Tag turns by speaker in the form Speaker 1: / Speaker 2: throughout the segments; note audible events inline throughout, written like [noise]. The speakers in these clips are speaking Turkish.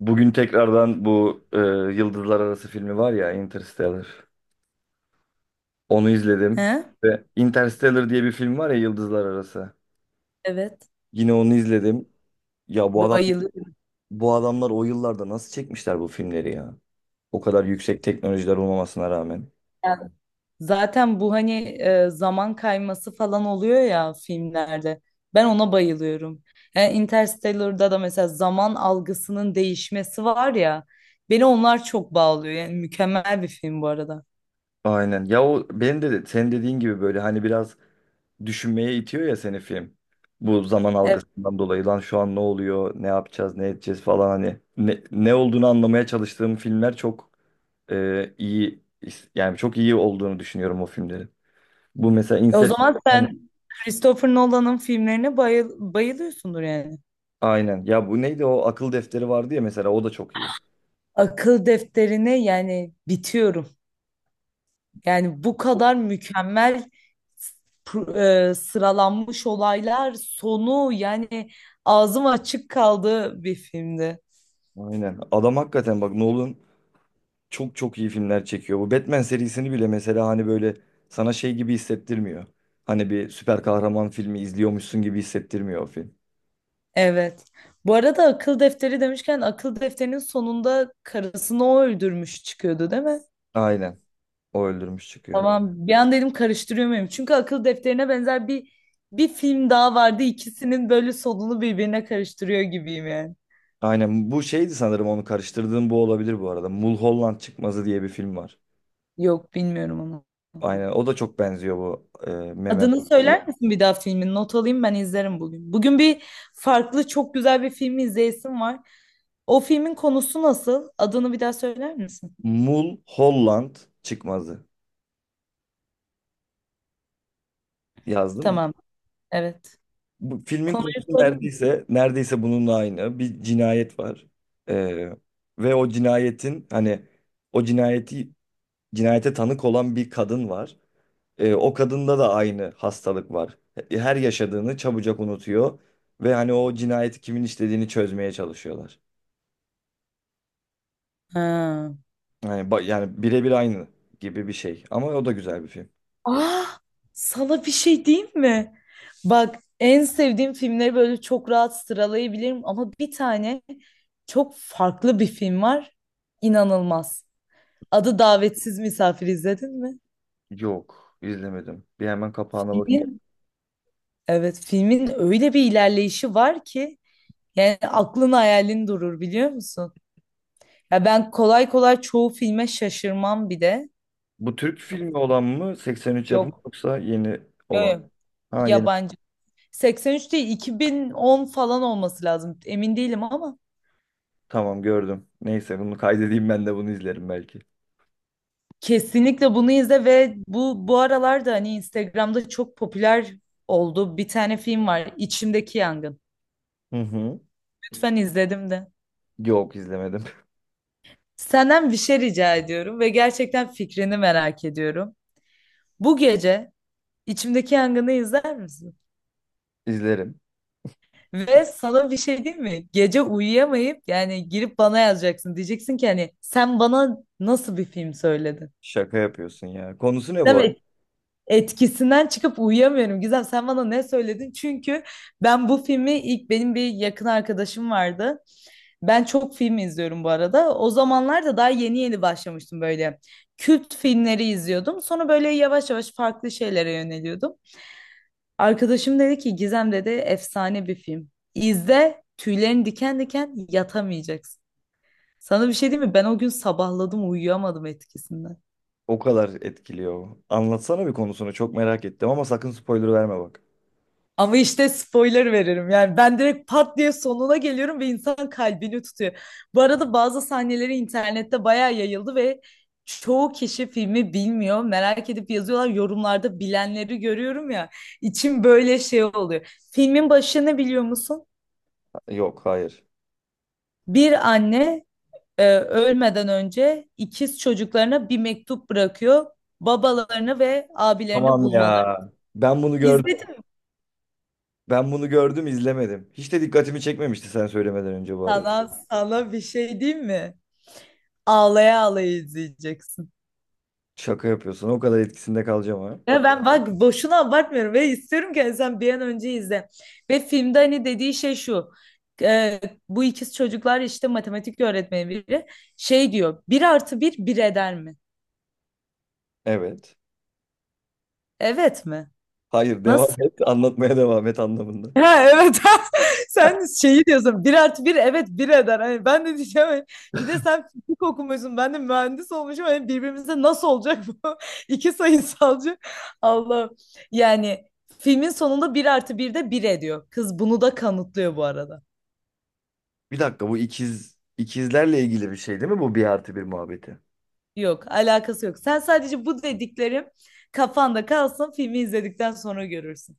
Speaker 1: Bugün tekrardan bu Yıldızlar Arası filmi var ya Interstellar. Onu izledim.
Speaker 2: He?
Speaker 1: Ve Interstellar diye bir film var ya Yıldızlar Arası.
Speaker 2: Evet.
Speaker 1: Yine onu izledim. Ya
Speaker 2: Bayılıyorum.
Speaker 1: bu adamlar o yıllarda nasıl çekmişler bu filmleri ya? O kadar yüksek teknolojiler olmamasına rağmen.
Speaker 2: Yani zaten bu hani zaman kayması falan oluyor ya filmlerde. Ben ona bayılıyorum. Yani Interstellar'da da mesela zaman algısının değişmesi var ya. Beni onlar çok bağlıyor. Yani mükemmel bir film bu arada.
Speaker 1: Aynen. Ya o benim de sen dediğin gibi böyle hani biraz düşünmeye itiyor ya seni film. Bu zaman
Speaker 2: Evet.
Speaker 1: algısından dolayı lan şu an ne oluyor, ne yapacağız, ne edeceğiz falan hani ne olduğunu anlamaya çalıştığım filmler çok iyi, yani çok iyi olduğunu düşünüyorum o filmlerin. Bu mesela
Speaker 2: O zaman
Speaker 1: Inception
Speaker 2: sen Christopher Nolan'ın filmlerine bayılıyorsundur yani.
Speaker 1: aynen. Ya bu neydi, o akıl defteri vardı ya mesela, o da çok iyi.
Speaker 2: Akıl defterine yani bitiyorum. Yani bu kadar mükemmel sıralanmış olaylar sonu yani ağzım açık kaldı bir filmdi.
Speaker 1: Aynen. Adam hakikaten bak, Nolan çok çok iyi filmler çekiyor. Bu Batman serisini bile mesela hani böyle sana şey gibi hissettirmiyor. Hani bir süper kahraman filmi izliyormuşsun gibi hissettirmiyor o film.
Speaker 2: Evet. Bu arada akıl defteri demişken akıl defterinin sonunda karısını o öldürmüş çıkıyordu değil mi?
Speaker 1: Aynen. O öldürmüş çıkıyor.
Speaker 2: Tamam, bir an dedim karıştırıyor muyum? Çünkü akıl defterine benzer bir film daha vardı. İkisinin böyle sonunu birbirine karıştırıyor gibiyim yani.
Speaker 1: Aynen. Bu şeydi, sanırım onu karıştırdığım bu olabilir bu arada. Mulholland Çıkmazı diye bir film var.
Speaker 2: Yok, bilmiyorum onu.
Speaker 1: Aynen. O da çok benziyor bu
Speaker 2: Adını söyler misin bir daha filmin? Not alayım, ben izlerim bugün. Bugün bir farklı çok güzel bir film izleyesim var. O filmin konusu nasıl? Adını bir daha söyler misin?
Speaker 1: Mul Holland çıkmazı yazdım mı?
Speaker 2: Tamam. Evet.
Speaker 1: Bu filmin konusu
Speaker 2: Konuyu söyler misin?
Speaker 1: neredeyse bununla aynı. Bir cinayet var. Ee, Ve o cinayetin hani o cinayeti cinayete tanık olan bir kadın var. O kadında da aynı hastalık var. Her yaşadığını çabucak unutuyor ve hani o cinayeti kimin işlediğini çözmeye çalışıyorlar.
Speaker 2: Ha.
Speaker 1: Yani birebir aynı gibi bir şey. Ama o da güzel bir film.
Speaker 2: Ah, sana bir şey diyeyim mi? Bak, en sevdiğim filmleri böyle çok rahat sıralayabilirim ama bir tane çok farklı bir film var. İnanılmaz. Adı Davetsiz Misafir, izledin mi?
Speaker 1: Yok, izlemedim. Bir hemen kapağına bak.
Speaker 2: Filmin, evet filmin öyle bir ilerleyişi var ki. Yani aklın hayalin durur, biliyor musun? Ya ben kolay kolay çoğu filme şaşırmam bir de.
Speaker 1: Bu Türk filmi olan mı? 83 yapımı
Speaker 2: Yok.
Speaker 1: yoksa yeni
Speaker 2: Yok.
Speaker 1: olan?
Speaker 2: Yok.
Speaker 1: Ha, yeni.
Speaker 2: Yabancı. 83 değil, 2010 falan olması lazım. Emin değilim ama
Speaker 1: Tamam, gördüm. Neyse bunu kaydedeyim, ben de bunu izlerim belki.
Speaker 2: kesinlikle bunu izle. Ve bu bu aralarda hani Instagram'da çok popüler oldu. Bir tane film var. İçimdeki Yangın.
Speaker 1: Hı hı.
Speaker 2: Lütfen, izledim de.
Speaker 1: Yok, izlemedim.
Speaker 2: Senden bir şey rica ediyorum ve gerçekten fikrini merak ediyorum. Bu gece İçimdeki Yangın'ı izler misin?
Speaker 1: [laughs] İzlerim.
Speaker 2: Ve sana bir şey diyeyim mi? Gece uyuyamayıp yani girip bana yazacaksın. Diyeceksin ki hani sen bana nasıl bir film söyledin?
Speaker 1: Şaka yapıyorsun ya. Konusu ne bu
Speaker 2: Değil
Speaker 1: arada?
Speaker 2: mi? Etkisinden çıkıp uyuyamıyorum. Gizem, sen bana ne söyledin? Çünkü ben bu filmi ilk, benim bir yakın arkadaşım vardı. Ben çok film izliyorum bu arada. O zamanlar da daha yeni yeni başlamıştım böyle. Kült filmleri izliyordum. Sonra böyle yavaş yavaş farklı şeylere yöneliyordum. Arkadaşım dedi ki, Gizem dedi, efsane bir film. İzle, tüylerin diken diken, yatamayacaksın. Sana bir şey diyeyim mi? Ben o gün sabahladım, uyuyamadım etkisinden.
Speaker 1: O kadar etkiliyor. Anlatsana bir konusunu. Çok merak ettim ama sakın spoiler verme bak.
Speaker 2: Ama işte spoiler veririm yani, ben direkt pat diye sonuna geliyorum ve insan kalbini tutuyor. Bu arada bazı sahneleri internette bayağı yayıldı ve çoğu kişi filmi bilmiyor. Merak edip yazıyorlar yorumlarda, bilenleri görüyorum ya. İçim böyle şey oluyor. Filmin başını biliyor musun?
Speaker 1: Yok, hayır.
Speaker 2: Bir anne ölmeden önce ikiz çocuklarına bir mektup bırakıyor. Babalarını ve abilerini
Speaker 1: Tamam
Speaker 2: bulmalı.
Speaker 1: ya. Ben bunu gördüm.
Speaker 2: İzledim.
Speaker 1: Ben bunu gördüm, izlemedim. Hiç de dikkatimi çekmemişti sen söylemeden önce bu arada.
Speaker 2: Sana bir şey diyeyim mi? Ağlaya ağlaya izleyeceksin.
Speaker 1: Şaka yapıyorsun. O kadar etkisinde kalacağım ha.
Speaker 2: Ya ben bak boşuna abartmıyorum ve istiyorum ki sen bir an önce izle. Ve filmde hani dediği şey şu. e, Bu ikiz çocuklar işte, matematik öğretmeni biri şey diyor. Bir artı bir bir eder mi?
Speaker 1: Evet.
Speaker 2: Evet mi?
Speaker 1: Hayır,
Speaker 2: Nasıl?
Speaker 1: devam et. Anlatmaya devam et anlamında.
Speaker 2: Ha, evet. [laughs] Sen şeyi diyorsun, bir artı bir evet bir eder, hani ben de diyeceğim hani, bir de sen fizik okumuşsun, ben de mühendis olmuşum, hani birbirimize nasıl olacak bu? [laughs] iki sayısalcı. Allah. Yani filmin sonunda bir artı bir de bir ediyor, kız bunu da kanıtlıyor bu arada.
Speaker 1: Bir dakika, bu ikizlerle ilgili bir şey değil mi, bu bir artı bir muhabbeti?
Speaker 2: Yok, alakası yok, sen sadece bu dediklerim kafanda kalsın, filmi izledikten sonra görürsün.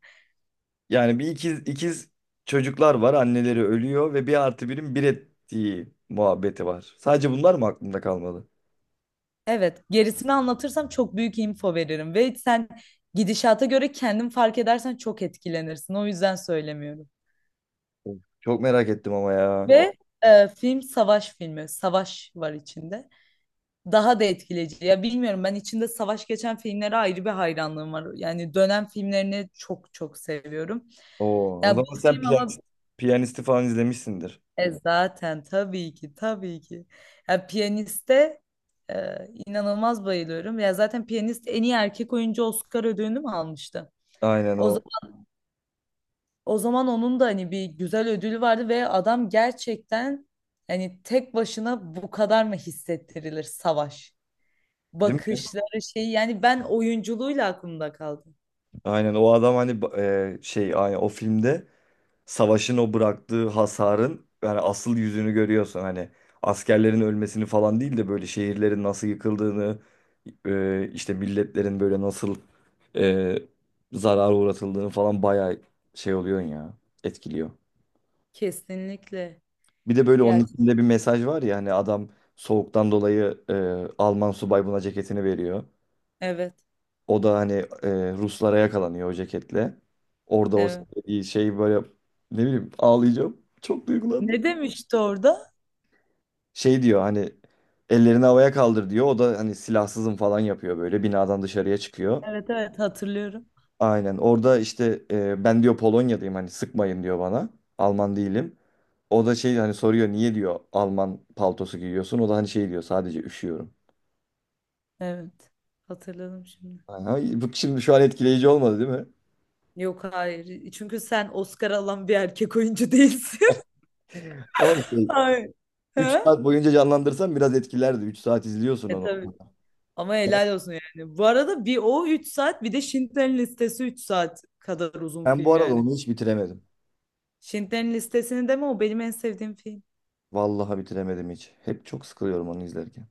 Speaker 1: Yani bir ikiz çocuklar var, anneleri ölüyor ve bir artı birin bir ettiği muhabbeti var. Sadece bunlar mı aklımda kalmadı?
Speaker 2: Evet, gerisini anlatırsam çok büyük info veririm ve sen gidişata göre kendin fark edersen çok etkilenirsin. O yüzden söylemiyorum.
Speaker 1: Of, çok merak ettim ama ya.
Speaker 2: Ve film savaş filmi, savaş var içinde. Daha da etkileyici. Ya bilmiyorum, ben içinde savaş geçen filmlere ayrı bir hayranlığım var. Yani dönem filmlerini çok çok seviyorum.
Speaker 1: Oo, o
Speaker 2: Ya
Speaker 1: zaman
Speaker 2: bu
Speaker 1: sen
Speaker 2: film ama
Speaker 1: piyanist, piyanisti falan izlemişsindir.
Speaker 2: zaten tabii ki tabii ki. Ya Piyanist'e e, inanılmaz bayılıyorum. Ya zaten Piyanist en iyi erkek oyuncu Oscar ödülünü mü almıştı?
Speaker 1: Aynen
Speaker 2: O
Speaker 1: o.
Speaker 2: O zaman onun da hani bir güzel ödülü vardı ve adam gerçekten hani tek başına bu kadar mı hissettirilir savaş?
Speaker 1: Değil mi?
Speaker 2: Bakışları şey, yani ben oyunculuğuyla aklımda kaldı.
Speaker 1: Aynen, o adam hani şey, aynen o filmde savaşın o bıraktığı hasarın yani asıl yüzünü görüyorsun. Hani askerlerin ölmesini falan değil de böyle şehirlerin nasıl yıkıldığını, işte milletlerin böyle nasıl e, zarara uğratıldığını falan bayağı şey oluyorsun ya, etkiliyor.
Speaker 2: Kesinlikle.
Speaker 1: Bir de böyle onun
Speaker 2: Ya,
Speaker 1: içinde bir mesaj var ya, hani adam soğuktan dolayı Alman subay buna ceketini veriyor.
Speaker 2: evet
Speaker 1: O da hani Ruslara yakalanıyor o ceketle. Orada o
Speaker 2: evet.
Speaker 1: şey böyle, ne bileyim, ağlayacağım. Çok duygulandım.
Speaker 2: Ne demişti orada?
Speaker 1: Şey diyor hani, ellerini havaya kaldır diyor. O da hani silahsızım falan yapıyor, böyle binadan dışarıya çıkıyor.
Speaker 2: Evet evet, hatırlıyorum.
Speaker 1: Aynen, orada işte ben diyor Polonya'dayım, hani sıkmayın diyor bana. Alman değilim. O da şey, hani soruyor, niye diyor Alman paltosu giyiyorsun. O da hani şey diyor, sadece üşüyorum.
Speaker 2: Evet. Hatırladım şimdi.
Speaker 1: Aha, bu şimdi şu an etkileyici olmadı değil mi?
Speaker 2: Yok, hayır. Çünkü sen Oscar alan bir erkek oyuncu değilsin.
Speaker 1: Ama
Speaker 2: [laughs]
Speaker 1: şey,
Speaker 2: Hayır.
Speaker 1: 3
Speaker 2: Ha.
Speaker 1: saat boyunca canlandırsan biraz etkilerdi. 3 saat izliyorsun
Speaker 2: E,
Speaker 1: onu.
Speaker 2: tabii. Ama helal olsun yani. Bu arada bir o 3 saat, bir de Schindler'in Listesi 3 saat kadar uzun
Speaker 1: Ben bu
Speaker 2: film
Speaker 1: arada
Speaker 2: yani.
Speaker 1: onu hiç bitiremedim.
Speaker 2: Schindler'in Listesi'ni deme, o benim en sevdiğim film.
Speaker 1: Vallahi bitiremedim hiç. Hep çok sıkılıyorum onu izlerken.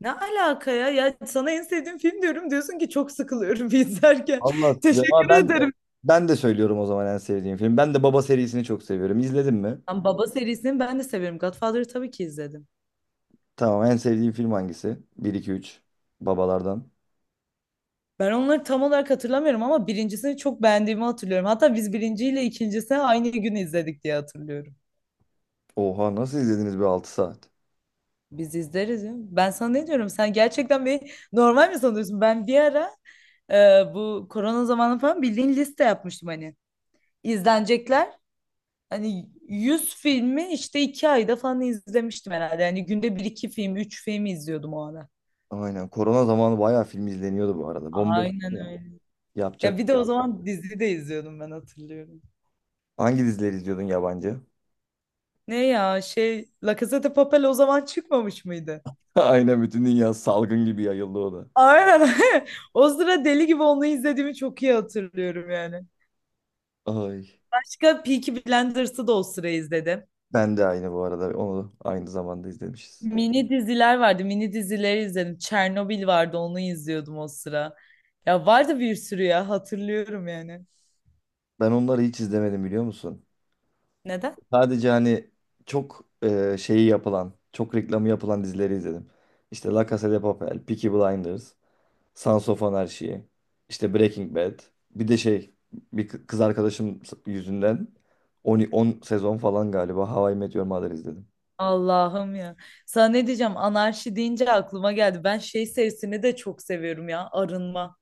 Speaker 2: Ne alaka ya? Ya sana en sevdiğim film diyorum, diyorsun ki çok sıkılıyorum [laughs] izlerken.
Speaker 1: Allah
Speaker 2: [laughs]
Speaker 1: ya,
Speaker 2: Teşekkür
Speaker 1: ben de
Speaker 2: ederim.
Speaker 1: ben de söylüyorum o zaman en sevdiğim film. Ben de Baba serisini çok seviyorum. İzledin mi?
Speaker 2: Lan, Baba serisini ben de severim. Godfather'ı tabii ki izledim.
Speaker 1: Tamam, en sevdiğim film hangisi? Bir iki üç Babalardan.
Speaker 2: Ben onları tam olarak hatırlamıyorum ama birincisini çok beğendiğimi hatırlıyorum. Hatta biz birinciyle ikincisini aynı gün izledik diye hatırlıyorum.
Speaker 1: Oha, nasıl izlediniz, bir 6 saat?
Speaker 2: Biz izleriz ya. Ben sana ne diyorum? Sen gerçekten bir, normal mi sanıyorsun? Ben bir ara, bu korona zamanı falan bildiğin liste yapmıştım hani. İzlenecekler. Hani 100 filmi işte 2 ayda falan izlemiştim herhalde. Yani günde bir iki film, 3 film izliyordum o ara.
Speaker 1: Aynen. Korona zamanı bayağı film izleniyordu bu arada. Bomboş
Speaker 2: Aynen
Speaker 1: ya.
Speaker 2: öyle. Ya
Speaker 1: Yapacak.
Speaker 2: bir de o zaman dizi de izliyordum ben, hatırlıyorum.
Speaker 1: Hangi dizileri izliyordun, yabancı?
Speaker 2: Ne ya, şey, La Casa de Papel o zaman çıkmamış mıydı?
Speaker 1: [laughs] Aynen, bütün dünya salgın gibi yayıldı o da.
Speaker 2: Aynen. [laughs] O sıra deli gibi onu izlediğimi çok iyi hatırlıyorum yani.
Speaker 1: Ay.
Speaker 2: Başka Peaky Blinders'ı da o sıra izledim.
Speaker 1: Ben de aynı bu arada. Onu aynı zamanda izlemişiz.
Speaker 2: Mini diziler vardı. Mini dizileri izledim. Çernobil vardı. Onu izliyordum o sıra. Ya vardı bir sürü ya. Hatırlıyorum yani.
Speaker 1: Ben onları hiç izlemedim, biliyor musun?
Speaker 2: Neden?
Speaker 1: Sadece hani çok şeyi yapılan, çok reklamı yapılan dizileri izledim. İşte La Casa de Papel, Peaky Blinders, Sons of Anarchy, işte Breaking Bad. Bir de şey, bir kız arkadaşım yüzünden 10 sezon falan galiba How I Met Your Mother izledim.
Speaker 2: Allah'ım ya. Sana ne diyeceğim? Anarşi deyince aklıma geldi. Ben şey serisini de çok seviyorum ya. Arınma.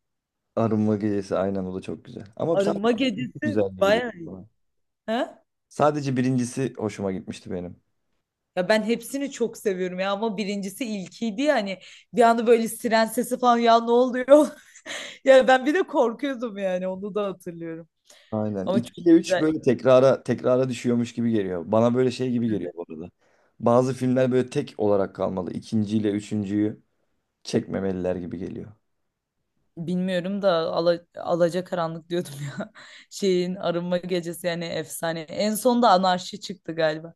Speaker 1: Arınma Gecesi aynen, o da çok güzel. Ama sadece
Speaker 2: Arınma gecesi
Speaker 1: güzel gibi geliyor
Speaker 2: bayağı iyi.
Speaker 1: bana.
Speaker 2: Ha?
Speaker 1: Sadece birincisi hoşuma gitmişti benim.
Speaker 2: Ya ben hepsini çok seviyorum ya ama birincisi ilkiydi ya, hani bir anda böyle siren sesi falan, ya ne oluyor? [laughs] Ya ben bir de korkuyordum, yani onu da hatırlıyorum.
Speaker 1: Aynen.
Speaker 2: Ama çok
Speaker 1: 2 ile 3
Speaker 2: güzel.
Speaker 1: böyle tekrara tekrara düşüyormuş gibi geliyor. Bana böyle şey gibi geliyor bu arada. Bazı filmler böyle tek olarak kalmalı. İkinci ile üçüncüyü çekmemeliler gibi geliyor.
Speaker 2: Bilmiyorum da ala, alacakaranlık diyordum [laughs] ya. Şeyin arınma gecesi yani efsane. En son da anarşi çıktı galiba.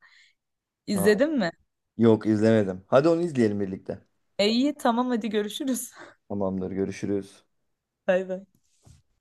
Speaker 1: Aynen.
Speaker 2: İzledin mi?
Speaker 1: Yok, izlemedim. Hadi onu izleyelim birlikte.
Speaker 2: E iyi, tamam, hadi görüşürüz.
Speaker 1: Tamamdır, görüşürüz.
Speaker 2: [laughs] Bay bay.